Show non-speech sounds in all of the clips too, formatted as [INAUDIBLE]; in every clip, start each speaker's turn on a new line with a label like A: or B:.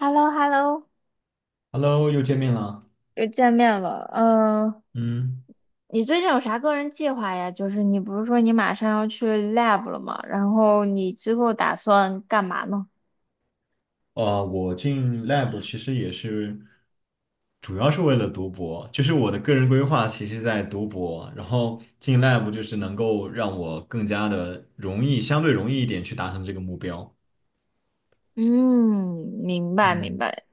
A: h e l l o h e l l o
B: Hello，又见面了。
A: 又见面了。嗯，
B: 嗯，
A: 你最近有啥个人计划呀？就是你不是说你马上要去 lab 了吗？然后你之后打算干嘛呢？
B: 我进 lab 其实也是，主要是为了读博，就是我的个人规划，其实在读博，然后进 lab 就是能够让我更加的容易，相对容易一点去达成这个目标。
A: 嗯，明白明
B: 嗯，
A: 白。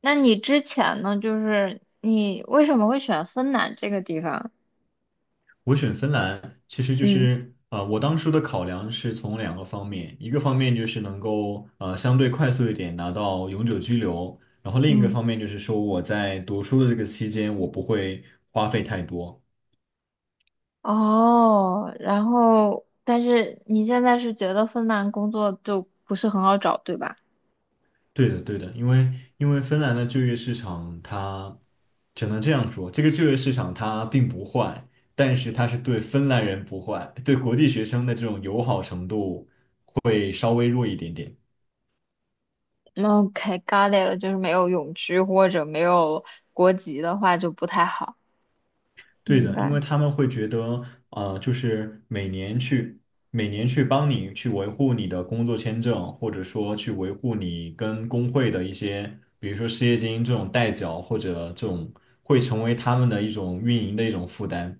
A: 那你之前呢？就是你为什么会选芬兰这个地方？
B: 我选芬兰，其实就
A: 嗯
B: 是我当初的考量是从2个方面，一个方面就是能够相对快速一点拿到永久居留，然后另一个
A: 嗯，
B: 方面就是说我在读书的这个期间，我不会花费太多。
A: 哦，然后但是你现在是觉得芬兰工作就不是很好找，对吧？
B: 对的，对的，因为芬兰的就业市场它只能这样说，这个就业市场它并不坏，但是它是对芬兰人不坏，对国际学生的这种友好程度会稍微弱一点点。
A: OK，got it 了，就是没有永居或者没有国籍的话就不太好。
B: 对
A: 明
B: 的，因为
A: 白，
B: 他们会觉得，就是每年去帮你去维护你的工作签证，或者说去维护你跟工会的一些，比如说失业金这种代缴，或者这种会成为他们的一种运营的一种负担。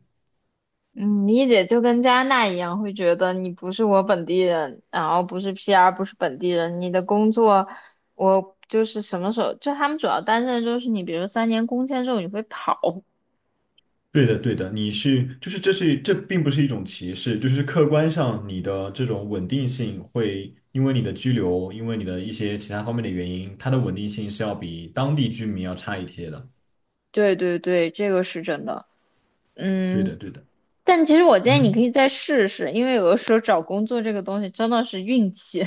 A: 嗯，理解就跟加拿大一样，会觉得你不是我本地人，然后不是 PR，不是本地人，你的工作我就是什么时候，就他们主要担心的就是你，比如说3年工签之后你会跑。
B: 对的，对的，就是这并不是一种歧视，就是客观上你的这种稳定性会因为你的居留，因为你的一些其他方面的原因，它的稳定性是要比当地居民要差一些的。
A: 对对对，这个是真的，
B: 对的，
A: 嗯。
B: 对的，
A: 但其实我建议你可
B: 嗯。
A: 以再试试，因为有的时候找工作这个东西真的是运气。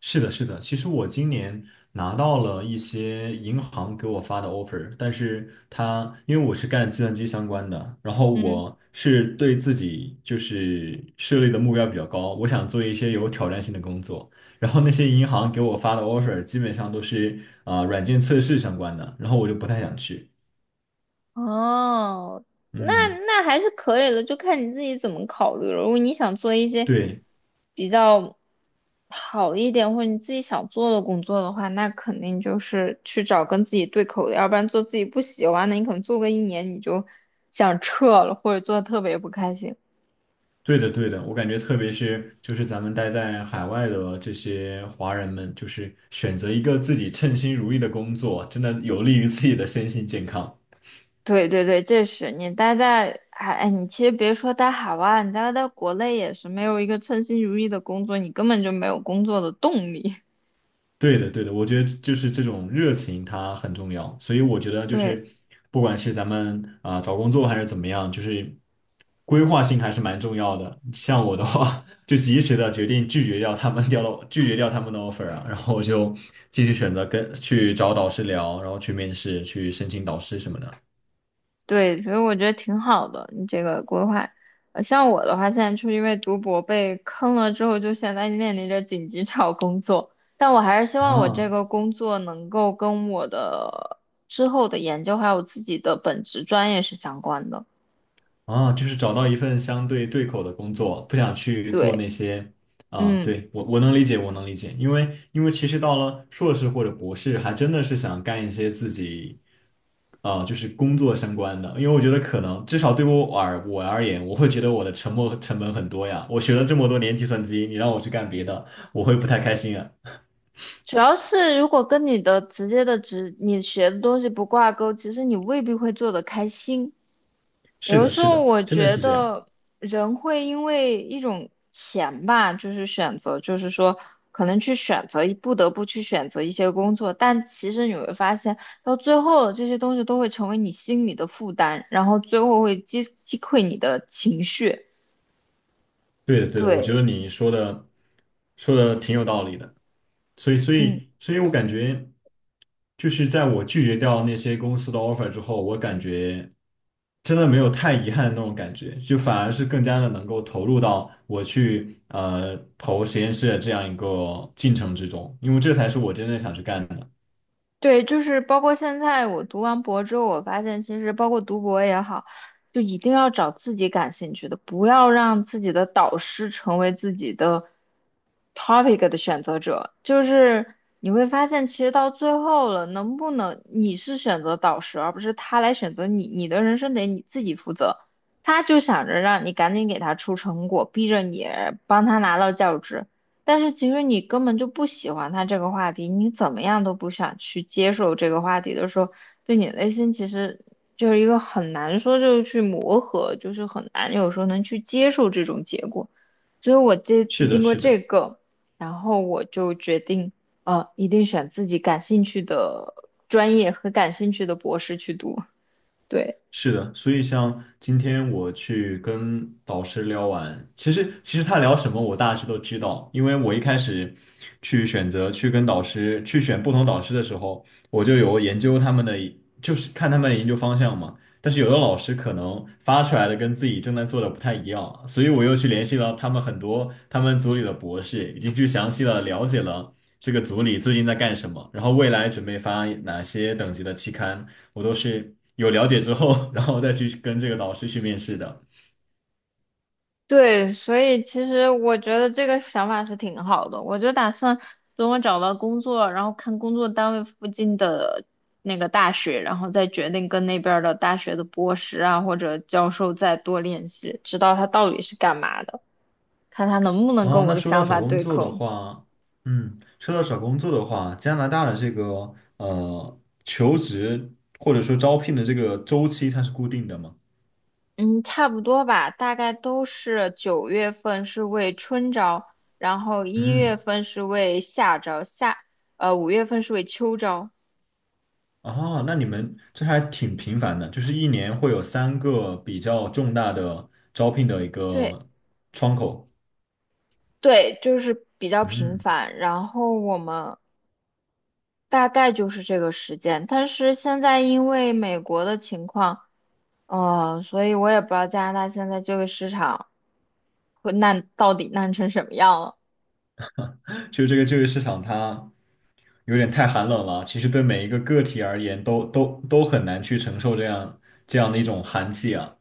B: 是的，是的。其实我今年拿到了一些银行给我发的 offer，但是它因为我是干计算机相关的，然后
A: [LAUGHS] 嗯。
B: 我是对自己就是设立的目标比较高，我想做一些有挑战性的工作。然后那些银行给我发的 offer 基本上都是软件测试相关的，然后我就不太想去。
A: 哦，那
B: 嗯，
A: 那还是可以的，就看你自己怎么考虑了。如果你想做一些
B: 对。
A: 比较好一点，或者你自己想做的工作的话，那肯定就是去找跟自己对口的，要不然做自己不喜欢的，你可能做个一年你就想撤了，或者做的特别不开心。
B: 对的，对的，我感觉特别是就是咱们待在海外的这些华人们，就是选择一个自己称心如意的工作，真的有利于自己的身心健康。
A: 对对对，这是你待在海，哎哎，你其实别说待海外，你待在国内也是没有一个称心如意的工作，你根本就没有工作的动力。
B: 对的，对的，我觉得就是这种热情它很重要，所以我觉得
A: [LAUGHS]
B: 就
A: 对。
B: 是不管是咱们找工作还是怎么样，就是规划性还是蛮重要的。像我的话，[LAUGHS] 就及时的决定拒绝掉他们的 offer 啊，然后我就继续选择跟去找导师聊，然后去面试，去申请导师什么的
A: 对，所以我觉得挺好的，你这个规划。像我的话，现在就是因为读博被坑了之后，就现在面临着紧急找工作。但我还是希望我这
B: 啊。
A: 个工作能够跟我的之后的研究还有自己的本职专业是相关的。
B: 啊，就是找到一份相对对口的工作，不想去做
A: 对，
B: 那些啊，
A: 嗯，
B: 对，我能理解，我能理解，因为其实到了硕士或者博士，还真的是想干一些自己啊，就是工作相关的，因为我觉得可能至少对我而言，我会觉得我的沉没成本很多呀，我学了这么多年计算机，你让我去干别的，我会不太开心啊。
A: 主要是如果跟你的直接的职，你学的东西不挂钩，其实你未必会做得开心。
B: 是
A: 有的
B: 的，
A: 时
B: 是
A: 候
B: 的，
A: 我
B: 真的
A: 觉
B: 是这样。
A: 得人会因为一种钱吧，就是选择，就是说可能去选择，不得不去选择一些工作，但其实你会发现，到最后这些东西都会成为你心里的负担，然后最后会击溃你的情绪。
B: 对的，对的，我觉
A: 对，
B: 得你说的挺有道理的，所以，所
A: 嗯，
B: 以，所以我感觉，就是在我拒绝掉那些公司的 offer 之后，我感觉真的没有太遗憾的那种感觉，就反而是更加的能够投入到我去投实验室的这样一个进程之中，因为这才是我真正想去干的。
A: 对，就是包括现在我读完博之后，我发现其实包括读博也好，就一定要找自己感兴趣的，不要让自己的导师成为自己的 topic 的选择者。就是你会发现，其实到最后了，能不能你是选择导师，而不是他来选择你，你的人生得你自己负责。他就想着让你赶紧给他出成果，逼着你帮他拿到教职。但是其实你根本就不喜欢他这个话题，你怎么样都不想去接受这个话题的时候，对你内心其实就是一个很难说就是去磨合，就是很难有时候能去接受这种结果。所以我这次
B: 是
A: 经
B: 的，
A: 过
B: 是
A: 这
B: 的。
A: 个，然后我就决定，一定选自己感兴趣的专业和感兴趣的博士去读。对。
B: 是的，所以像今天我去跟导师聊完，其实他聊什么我大致都知道，因为我一开始去选择去跟导师去选不同导师的时候，我就有研究他们的，就是看他们的研究方向嘛。但是有的老师可能发出来的跟自己正在做的不太一样，所以我又去联系了很多他们组里的博士，已经去详细的了解了这个组里最近在干什么，然后未来准备发哪些等级的期刊。我都是有了解之后，然后再去跟这个导师去面试的。
A: 对，所以其实我觉得这个想法是挺好的。我就打算等我找到工作，然后看工作单位附近的那个大学，然后再决定跟那边儿的大学的博士啊或者教授再多联系，知道他到底是干嘛的，看他能不能跟
B: 哦，
A: 我
B: 那
A: 的
B: 说到
A: 想
B: 找
A: 法
B: 工
A: 对
B: 作的
A: 口。
B: 话，嗯，说到找工作的话，加拿大的这个求职或者说招聘的这个周期，它是固定的吗？
A: 嗯，差不多吧，大概都是9月份是为春招，然后一月
B: 嗯，
A: 份是为夏招，5月份是为秋招。
B: 哦，那你们这还挺频繁的，就是一年会有3个比较重大的招聘的一
A: 对。
B: 个窗口。
A: 对，就是比较频
B: 嗯，
A: 繁，然后我们大概就是这个时间，但是现在因为美国的情况，所以我也不知道加拿大现在就业市场会烂到底烂成什么样了。
B: 就这个就业市场它有点太寒冷了。其实对每一个个体而言都很难去承受这样的一种寒气啊。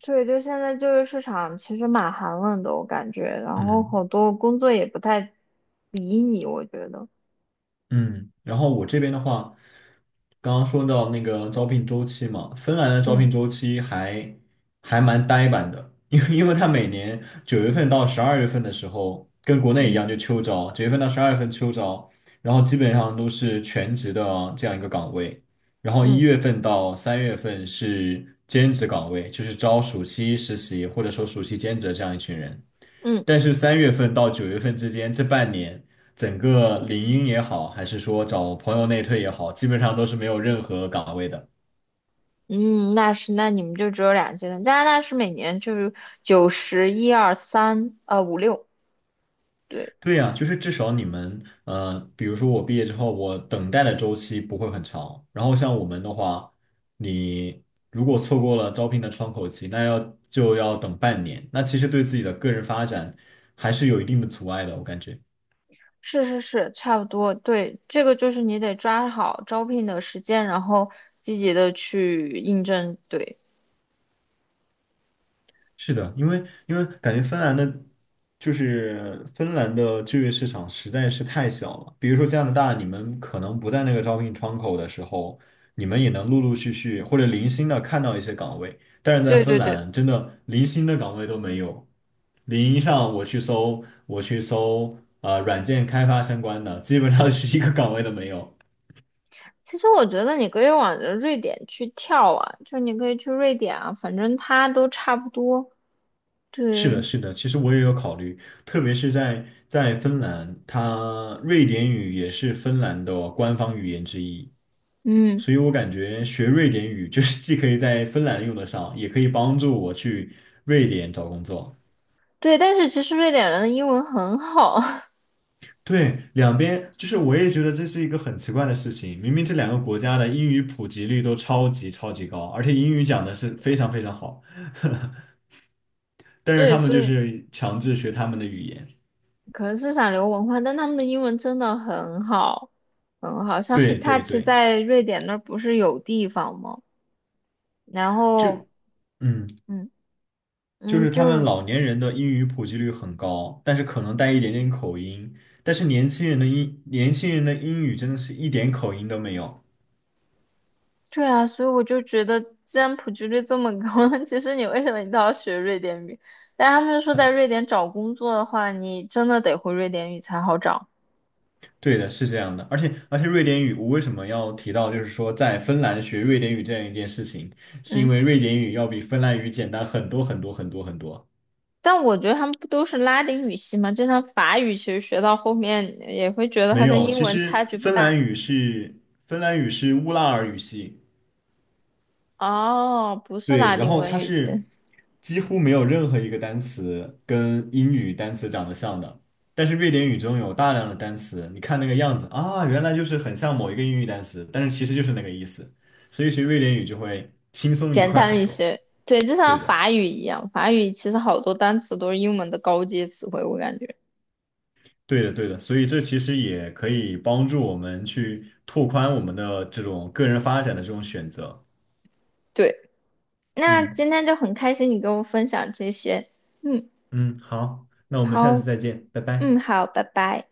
A: 对，就现在就业市场其实蛮寒冷的，我感觉，然后
B: 嗯。
A: 好多工作也不太理你，我觉得，
B: 嗯，然后我这边的话，刚刚说到那个招聘周期嘛，芬兰的招
A: 嗯
B: 聘周期还蛮呆板的，[LAUGHS] 因为它每年九月份到十二月份的时候，跟国内一
A: 嗯，
B: 样就秋招，九月份到十二月份秋招，然后基本上都是全职的这样一个岗位，然后一
A: 嗯
B: 月份到三月份是兼职岗位，就是招暑期实习或者说暑期兼职这样一群人。
A: 嗯
B: 但是3月份到9月份之间这半年，整个领英也好，还是说找朋友内推也好，基本上都是没有任何岗位的。
A: 嗯，那是，那你们就只有两阶段，加拿大是每年就是九十一二三，五六。对。
B: 对呀，就是至少你们，比如说我毕业之后，我等待的周期不会很长。然后像我们的话，你如果错过了招聘的窗口期，就要等半年。那其实对自己的个人发展还是有一定的阻碍的，我感觉。
A: 是是是，差不多。对，这个就是你得抓好招聘的时间，然后积极的去应征。对，
B: 是的，因为感觉芬兰的，就是芬兰的就业市场实在是太小了。比如说加拿大，你们可能不在那个招聘窗口的时候，你们也能陆陆续续或者零星的看到一些岗位，但是在
A: 对
B: 芬
A: 对对。
B: 兰，真的零星的岗位都没有。领英上我去搜，软件开发相关的，基本上是一个岗位都没有。
A: 其实我觉得你可以往着瑞典去跳啊，就是你可以去瑞典啊，反正它都差不多。
B: 是的，
A: 对，
B: 是的，其实我也有考虑，特别是在芬兰，它瑞典语也是芬兰的官方语言之一，
A: 嗯，
B: 所以我感觉学瑞典语 [LAUGHS] 就是既可以在芬兰用得上，也可以帮助我去瑞典找工作。
A: 对。但是其实瑞典人的英文很好，[LAUGHS]
B: 对，两边就是我也觉得这是一个很奇怪的事情，明明这2个国家的英语普及率都超级超级高，而且英语讲的是非常非常好，[LAUGHS] 但是
A: 对，
B: 他们
A: 所
B: 就
A: 以
B: 是强制学他们的语言。
A: 可能是想留文化，但他们的英文真的很好，很好。像
B: 对对
A: Hitachi
B: 对，
A: 在瑞典那儿不是有地方吗？然
B: 就。
A: 后。
B: 嗯。
A: 嗯。
B: 就
A: 嗯，
B: 是他们
A: 就
B: 老年人的英语普及率很高，但是可能带一点点口音，但是年轻人的年轻人的英语真的是一点口音都没有。
A: 对啊，所以我就觉得，既然普及率这么高，[LAUGHS] 其实你为什么一定要学瑞典语？但他们说，在瑞典找工作的话，你真的得会瑞典语才好找。
B: 对的，是这样的，而且瑞典语，我为什么要提到就是说在芬兰学瑞典语这样一件事情，是因
A: 嗯，
B: 为瑞典语要比芬兰语简单很多很多很多很多。
A: 但我觉得他们不都是拉丁语系吗？就像法语，其实学到后面也会觉得
B: 没
A: 它跟
B: 有，
A: 英
B: 其
A: 文差
B: 实
A: 距不大。
B: 芬兰语是乌拉尔语系。
A: 哦，不是
B: 对，
A: 拉
B: 然
A: 丁
B: 后
A: 文
B: 它
A: 语系，
B: 是几乎没有任何一个单词跟英语单词长得像的，但是瑞典语中有大量的单词，你看那个样子啊，原来就是很像某一个英语单词，但是其实就是那个意思，所以学瑞典语就会轻松愉
A: 简
B: 快
A: 单
B: 很
A: 一
B: 多。
A: 些。对，就
B: 对
A: 像
B: 的，
A: 法语一样，法语其实好多单词都是英文的高阶词汇，我感觉。
B: 对的，对的，所以这其实也可以帮助我们去拓宽我们的这种个人发展的这种选择。
A: 对。那
B: 嗯
A: 今天就很开心你跟我分享这些，嗯，
B: 嗯，好，那我们下次
A: 好，
B: 再见，拜
A: 嗯，
B: 拜。
A: 好，拜拜。